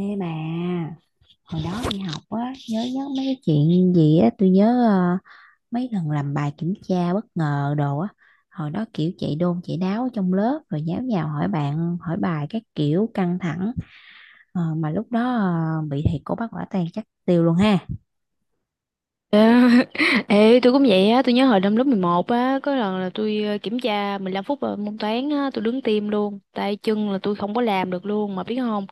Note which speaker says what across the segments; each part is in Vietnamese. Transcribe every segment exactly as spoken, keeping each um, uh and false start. Speaker 1: Ê bà, hồi đó đi học á, nhớ nhớ mấy cái chuyện gì á, tôi nhớ ờ, mấy lần làm bài kiểm tra bất ngờ đồ á, hồi đó kiểu chạy đôn chạy đáo ở trong lớp rồi nháo nhào hỏi bạn, hỏi bài các kiểu căng thẳng. Ờ, mà lúc đó ờ, bị thầy cô bắt quả tang chắc tiêu luôn ha.
Speaker 2: Ê, ê, tôi cũng vậy á, tôi nhớ hồi năm lớp mười một á, có lần là tôi ờ, kiểm tra mười lăm phút ờ, môn toán á, tôi đứng tim luôn, tay chân là tôi không có làm được luôn mà biết không?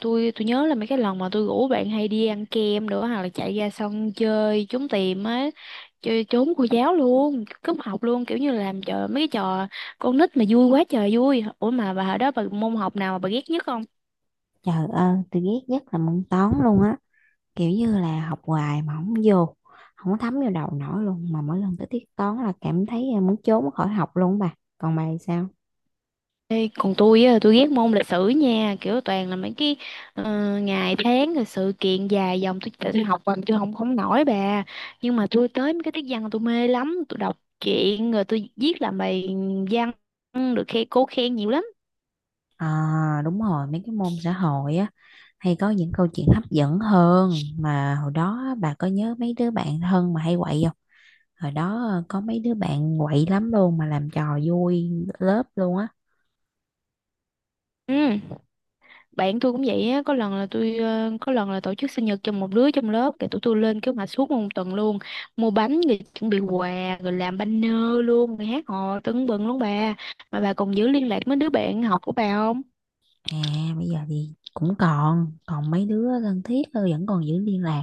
Speaker 2: Tôi tôi nhớ là mấy cái lần mà tôi rủ bạn hay đi ăn kem nữa hoặc là chạy ra sân chơi trốn tìm á, chơi trốn cô giáo luôn, cúp học luôn, kiểu như là làm trò mấy cái trò con nít mà vui quá trời vui. Ủa mà bà hồi đó bà môn học nào mà bà ghét nhất không?
Speaker 1: Trời ơi, tôi ghét nhất là môn toán luôn á, kiểu như là học hoài mà không vô, không có thấm vô đầu nổi luôn, mà mỗi lần tới tiết toán là cảm thấy ờ, muốn trốn khỏi học luôn á bà. Còn bà thì sao?
Speaker 2: Ê, còn tôi á, tôi ghét môn lịch sử nha, kiểu toàn là mấy cái ờ, ngày tháng rồi sự kiện dài dòng tôi tự tôi học bằng tôi không không nổi bà. Nhưng mà tôi tới mấy cái tiết văn là tôi mê lắm, tôi đọc truyện rồi tôi viết làm bài văn được khen cô khen nhiều lắm.
Speaker 1: À, đúng rồi, mấy cái môn xã hội á hay có những câu chuyện hấp dẫn hơn, mà hồi đó á, bà có nhớ mấy đứa bạn thân mà hay quậy không? Hồi đó ờ, có mấy đứa bạn quậy lắm luôn mà làm trò vui lớp luôn á.
Speaker 2: Ừ. Bạn tôi cũng vậy á, có lần là tôi ờ, có lần là tổ chức sinh nhật cho một đứa trong lớp, cái tụi tôi lên kế hoạch suốt một tuần luôn, mua bánh rồi chuẩn bị quà rồi làm banner luôn, rồi hát hò tưng bừng luôn bà. Mà bà còn giữ liên lạc với đứa bạn học của bà không?
Speaker 1: À, bây giờ thì cũng còn còn mấy đứa thân thiết thôi, vẫn còn giữ liên lạc.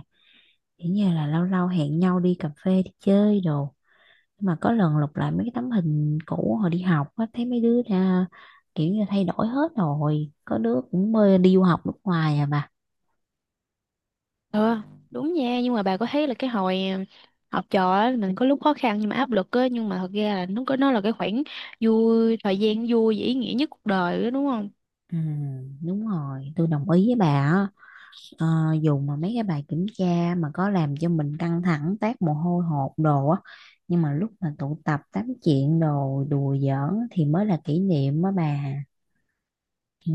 Speaker 1: Chỉ như là lâu lâu hẹn nhau đi cà phê đi chơi đồ. Nhưng mà có lần lục lại mấy cái tấm hình cũ hồi đi học á thấy mấy đứa ra kiểu như thay đổi hết rồi. Có đứa cũng mê đi du học nước ngoài à bà.
Speaker 2: Ừ, đúng nha, nhưng mà bà có thấy là cái hồi ờ, học trò á, mình có lúc khó khăn nhưng mà áp lực á, nhưng mà thật ra là nó có nó là cái khoảng vui, thời gian vui và ý nghĩa nhất cuộc đời đó, đúng không?
Speaker 1: Ừ, đúng rồi, tôi đồng ý với bà á. Ờ, Dù mà mấy cái bài kiểm tra mà có làm cho mình căng thẳng, tát mồ hôi hột đồ á, nhưng mà lúc mà tụ tập tám chuyện đồ đùa giỡn thì mới là kỷ niệm á bà. Ừ,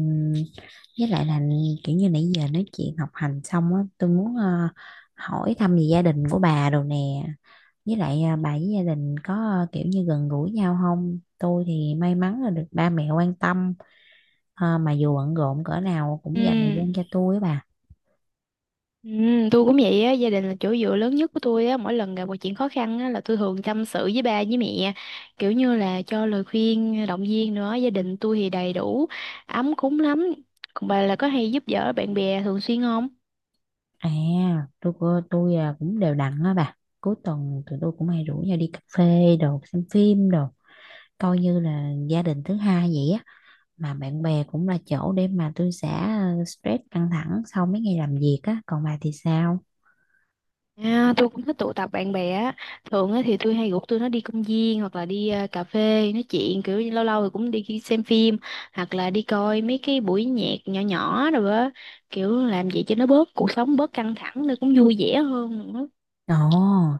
Speaker 1: với lại là kiểu như nãy giờ nói chuyện học hành xong á, tôi muốn ờ, hỏi thăm về gia đình của bà đồ nè. Với lại ờ, bà với gia đình có ờ, kiểu như gần gũi nhau không? Tôi thì may mắn là được ba mẹ quan tâm. Ờ, mà dù bận rộn cỡ nào
Speaker 2: Ừ.
Speaker 1: cũng dành thời gian cho tôi á bà.
Speaker 2: Ừ, tôi cũng vậy á, gia đình là chỗ dựa lớn nhất của tôi á, mỗi lần gặp một chuyện khó khăn á, là tôi thường tâm sự với ba với mẹ, kiểu như là cho lời khuyên, động viên nữa, gia đình tôi thì đầy đủ, ấm cúng lắm. Còn bà là có hay giúp đỡ bạn bè thường xuyên không?
Speaker 1: À, tôi cô- tôi à, cũng đều đặn á bà. Cuối tuần tụi tôi cũng hay rủ nhau đi cà phê đồ xem phim đồ, coi như là gia đình thứ hai vậy á, mà bạn bè cũng là chỗ để mà tôi xả ờ, stress căng thẳng sau mấy ngày làm việc á. Còn bà thì sao?
Speaker 2: À, tôi cũng thích tụ tập bạn bè á, thường á thì tôi hay rủ tôi nó đi công viên hoặc là đi à, cà phê nói chuyện, kiểu như lâu lâu thì cũng đi xem phim hoặc là đi coi mấy cái buổi nhạc nhỏ nhỏ rồi á, kiểu làm vậy cho nó bớt cuộc sống bớt căng thẳng, nó cũng vui vẻ hơn nữa.
Speaker 1: Ồ,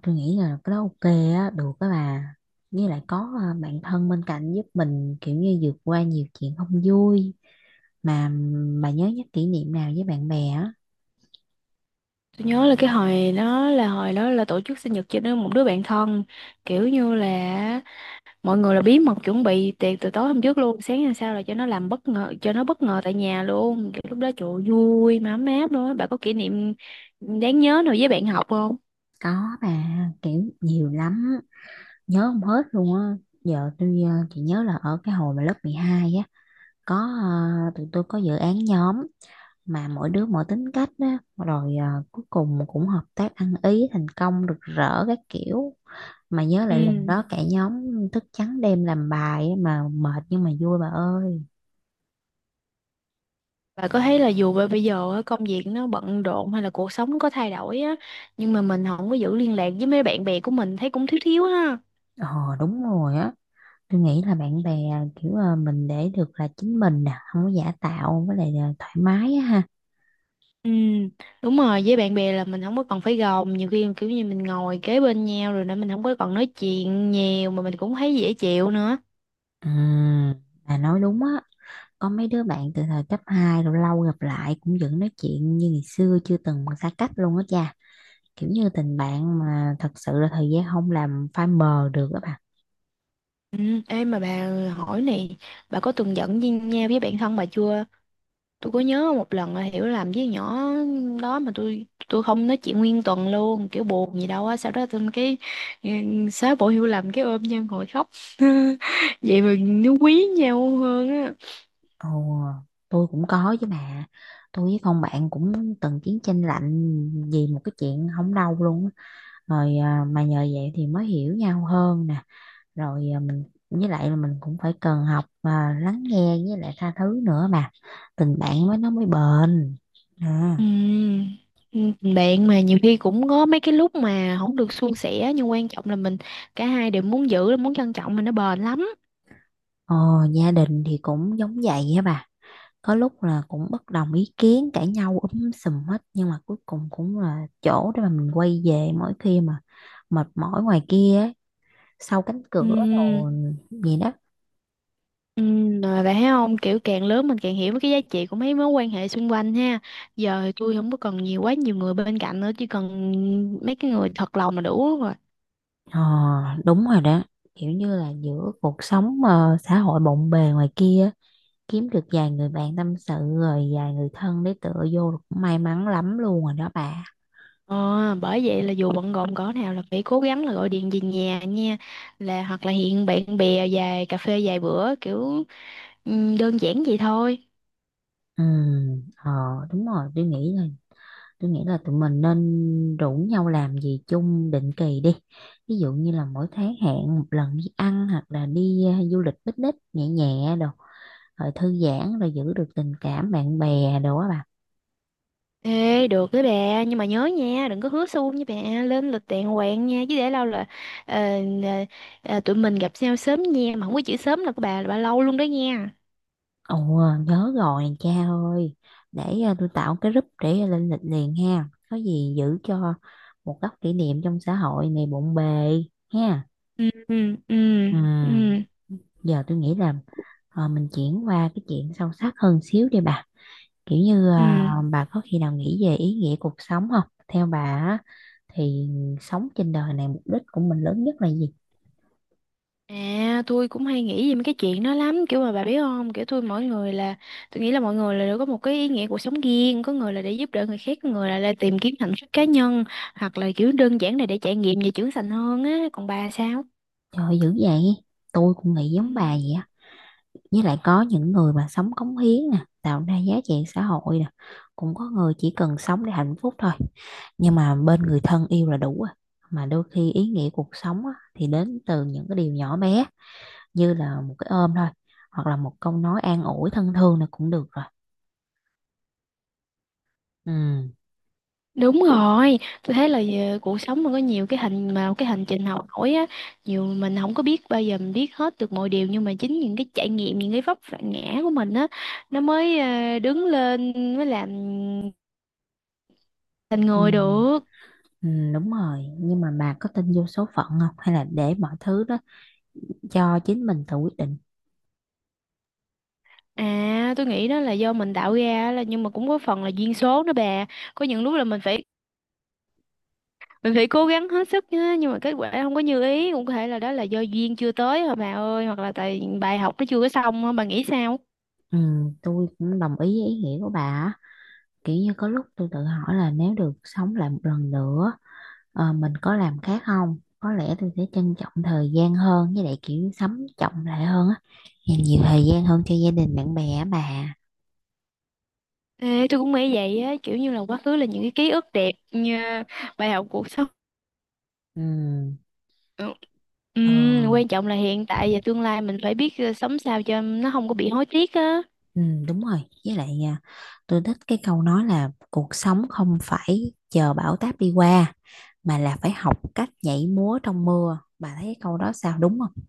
Speaker 1: tôi nghĩ là cái đó ok á, được á bà. Với lại có ờ, bạn thân bên cạnh giúp mình kiểu như vượt qua nhiều chuyện không vui. Mà ừm, bà nhớ nhất kỷ niệm nào với bạn bè á?
Speaker 2: Tôi nhớ là cái hồi đó là hồi đó là tổ chức sinh nhật cho nó một đứa bạn thân, kiểu như là mọi người là bí mật chuẩn bị tiệc từ tối hôm trước luôn, sáng hôm sau là cho nó làm bất ngờ cho nó bất ngờ tại nhà luôn, kiểu lúc đó trời ơi, vui mà ấm áp luôn á. Bà có kỷ niệm đáng nhớ nào với bạn học không?
Speaker 1: Có bà, kiểu nhiều lắm, nhớ không hết luôn á. Giờ tôi ờ, chỉ nhớ là ở cái hồi mà lớp mười hai á, có ờ, tụi tôi có dự án nhóm, mà mỗi đứa mỗi tính cách á rồi ờ, cuối cùng cũng hợp tác ăn ý thành công rực rỡ các kiểu. Mà nhớ
Speaker 2: Ừ.
Speaker 1: lại lần đó cả nhóm thức trắng đêm làm bài á, mà mệt nhưng mà vui bà ơi.
Speaker 2: Bà có thấy là dù bây giờ á, công việc nó bận rộn hay là cuộc sống nó có thay đổi á, nhưng mà mình không có giữ liên lạc với mấy bạn bè của mình thấy cũng thiếu thiếu ha?
Speaker 1: Ờ, đúng rồi á, tôi nghĩ là bạn bè kiểu ờ, mình để được là chính mình nè, không có giả tạo với lại là thoải mái á ha.
Speaker 2: Ừ. Đúng rồi, với bạn bè là mình không có còn phải gồng, nhiều khi kiểu như mình ngồi kế bên nhau rồi nữa mình không có còn nói chuyện nhiều mà mình cũng thấy dễ chịu nữa.
Speaker 1: À, bà nói đúng á, có mấy đứa bạn từ thời cấp hai rồi lâu gặp lại cũng vẫn nói chuyện như ngày xưa chưa từng xa cách luôn á cha. Kiểu như tình bạn mà thật sự là thời gian không làm phai mờ được á bà.
Speaker 2: Ừ, ê mà bà, hỏi này, bà có từng giận với nhau với bạn thân bà chưa? Tôi có nhớ một lần là hiểu làm với nhỏ đó mà tôi tôi không nói chuyện nguyên tuần luôn, kiểu buồn gì đâu á, sau đó tôi cái ừ, xóa bỏ hiểu lầm cái ôm nhau ngồi khóc. Vậy mà nó quý nhau hơn á.
Speaker 1: Ồ, tôi cũng có chứ bà. Tôi với con bạn cũng từng chiến tranh lạnh vì một cái chuyện không đâu luôn á. Rồi à, mà nhờ vậy thì mới hiểu nhau hơn nè. Rồi à, mình với lại là mình cũng phải cần học à, lắng nghe với lại tha thứ nữa, mà tình bạn mới nó mới bền à.
Speaker 2: Ừ, ừ, bạn mà nhiều khi cũng có mấy cái lúc mà không được suôn sẻ, nhưng quan trọng là mình cả hai đều muốn giữ muốn trân trọng mình nó bền lắm.
Speaker 1: Ờ, gia đình thì cũng giống vậy á bà, có lúc là cũng bất đồng ý kiến cãi nhau úm sùm hết, nhưng mà cuối cùng cũng là chỗ để mà mình quay về mỗi khi mà mệt mỏi ngoài kia ấy, sau cánh
Speaker 2: Ừ.
Speaker 1: cửa đồ gì đó.
Speaker 2: Ừ, rồi bạn thấy không, kiểu càng lớn mình càng hiểu mấy cái giá trị của mấy mối quan hệ xung quanh ha. Giờ thì tôi không có cần nhiều quá, nhiều người bên cạnh nữa, chỉ cần mấy cái người thật lòng là đủ rồi.
Speaker 1: Ờ, đúng rồi đó, kiểu như là giữa cuộc sống ờ, xã hội bộn bề ngoài kia á, kiếm được vài người bạn tâm sự rồi vài người thân để tựa vô là cũng may mắn lắm luôn rồi đó bà.
Speaker 2: ờ, Bởi vậy là dù bận rộn cỡ nào là phải cố gắng là gọi điện về nhà nha, là hoặc là hẹn bạn bè vài cà phê vài bữa, kiểu ừ, đơn giản vậy thôi.
Speaker 1: Ừ, ờ, đúng rồi, tôi nghĩ là tôi nghĩ là tụi mình nên rủ nhau làm gì chung định kỳ đi. Ví dụ như là mỗi tháng hẹn một lần đi ăn hoặc là đi ờ, du lịch picnic nhẹ nhẹ đồ, rồi thư giãn rồi giữ được tình cảm bạn bè đồ á bà.
Speaker 2: Ê, được đấy bà, nhưng mà nhớ nha, đừng có hứa suông với bà, lên lịch đàng hoàng nha, chứ để lâu là ờ, ờ, ờ, tụi mình gặp nhau sớm nha, mà không có chữ sớm là của bà là bà lâu luôn đó nha.
Speaker 1: Ồ, nhớ rồi cha ơi. Để à, tôi tạo cái group để lên lịch liền ha. Có gì giữ cho một góc kỷ niệm trong xã hội này bộn bề ha.
Speaker 2: Ừ, ừ, ừ,
Speaker 1: Ừ,
Speaker 2: ừ,
Speaker 1: giờ tôi nghĩ là ờ, mình chuyển qua cái chuyện sâu sắc hơn xíu đi bà. Kiểu như ờ,
Speaker 2: ừ.
Speaker 1: bà có khi nào nghĩ về ý nghĩa cuộc sống không? Theo bà á, thì sống trên đời này mục đích của mình lớn nhất là gì?
Speaker 2: À, tôi cũng hay nghĩ về mấy cái chuyện đó lắm, kiểu mà bà biết không, kiểu tôi mỗi người là, tôi nghĩ là mọi người là đều có một cái ý nghĩa cuộc sống riêng, có người là để giúp đỡ người khác, có người là để tìm kiếm hạnh phúc cá nhân, hoặc là kiểu đơn giản là để trải nghiệm và trưởng thành hơn á, còn bà sao?
Speaker 1: Trời ơi, dữ vậy. Tôi cũng nghĩ
Speaker 2: Ừ.
Speaker 1: giống bà vậy á. Với lại có những người mà sống cống hiến nè, tạo ra giá trị xã hội nè, cũng có người chỉ cần sống để hạnh phúc thôi, nhưng mà bên người thân yêu là đủ rồi. Mà đôi khi ý nghĩa cuộc sống á, thì đến từ những cái điều nhỏ bé, như là một cái ôm thôi, hoặc là một câu nói an ủi thân thương là cũng được rồi. Ừ.
Speaker 2: Đúng rồi, tôi thấy là ờ, cuộc sống nó có nhiều cái hành mà cái hành trình học hỏi á, nhiều mình không có biết bao giờ mình biết hết được mọi điều, nhưng mà chính những cái trải nghiệm, những cái vấp phải ngã của mình á, nó mới ờ, đứng lên mới làm thành
Speaker 1: Ừ.
Speaker 2: người được.
Speaker 1: Ừ, đúng rồi, nhưng mà bà có tin vô số phận không hay là để mọi thứ đó cho chính mình tự quyết định?
Speaker 2: À, tôi nghĩ đó là do mình tạo ra là nhưng mà cũng có phần là duyên số nữa bà. Có những lúc là mình phải mình phải cố gắng hết sức nhá, nhưng mà kết quả không có như ý, cũng có thể là đó là do duyên chưa tới thôi bà ơi, hoặc là tại bài học nó chưa có xong á, bà nghĩ sao?
Speaker 1: Ừ, tôi cũng đồng ý với ý nghĩa của bà á. Kiểu như có lúc tôi tự hỏi là nếu được sống lại một lần nữa, ờ, mình có làm khác không, có lẽ tôi sẽ trân trọng thời gian hơn, với lại kiểu sống trọng lại hơn á, dành nhiều thời gian hơn cho gia đình bạn bè á bà.
Speaker 2: Ê, tôi cũng nghĩ vậy á, kiểu như là quá khứ là những cái ký ức đẹp như bài học cuộc sống.
Speaker 1: Ừ,
Speaker 2: Ừ.
Speaker 1: ờ,
Speaker 2: Ừm, quan trọng là hiện tại và tương lai mình phải biết ờ, sống sao cho nó không có bị hối tiếc á.
Speaker 1: ừ, đúng rồi, với lại à, tôi thích cái câu nói là cuộc sống không phải chờ bão táp đi qua mà là phải học cách nhảy múa trong mưa. Bà thấy cái câu đó sao, đúng không?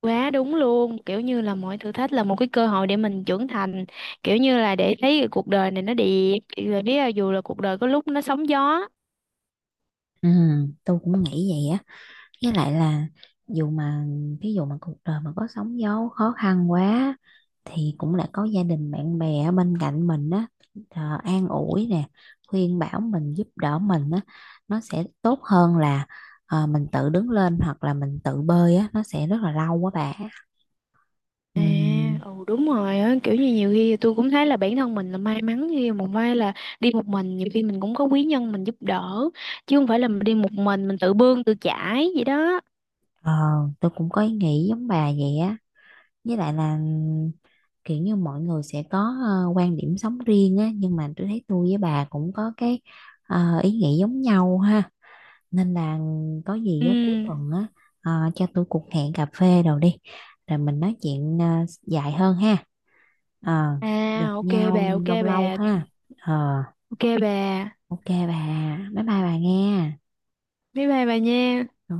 Speaker 2: Quá đúng luôn, kiểu như là mọi thử thách là một cái cơ hội để mình trưởng thành, kiểu như là để thấy cái cuộc đời này nó đẹp, rồi biết là dù là cuộc đời có lúc nó sóng gió.
Speaker 1: Ừ, tôi cũng nghĩ vậy á, với lại là dù mà ví dụ mà cuộc đời mà có sóng gió khó khăn quá, thì cũng lại có gia đình bạn bè ở bên cạnh mình á, ờ, an ủi nè, khuyên bảo mình giúp đỡ mình á, nó sẽ tốt hơn là ờ, mình tự đứng lên hoặc là mình tự bơi á, nó sẽ rất là lâu quá bà.
Speaker 2: À,
Speaker 1: Ừm,
Speaker 2: ừ đúng rồi á, kiểu như nhiều khi tôi cũng thấy là bản thân mình là may mắn khi một vai là đi một mình, nhiều khi mình cũng có quý nhân mình giúp đỡ, chứ không phải là mình đi một mình mình tự bươn tự chải vậy đó.
Speaker 1: ờ, tôi cũng có ý nghĩ giống bà vậy á, với lại là kiểu như mọi người sẽ có ờ, quan điểm sống riêng á, nhưng mà tôi thấy tôi với bà cũng có cái ờ, ý nghĩ giống nhau ha, nên là có gì
Speaker 2: Ừ.
Speaker 1: á, cuối tuần á, ờ, cho tôi cuộc hẹn cà phê đồ đi, rồi mình nói chuyện ờ, dài hơn ha. Ờ, gặp
Speaker 2: À, ok
Speaker 1: nhau
Speaker 2: bà, ok
Speaker 1: lâu lâu
Speaker 2: bà,
Speaker 1: ha. Ờ,
Speaker 2: ok bà.
Speaker 1: ok bà. Bye bye bà nghe.
Speaker 2: Bye bye bà nha.
Speaker 1: Ừ.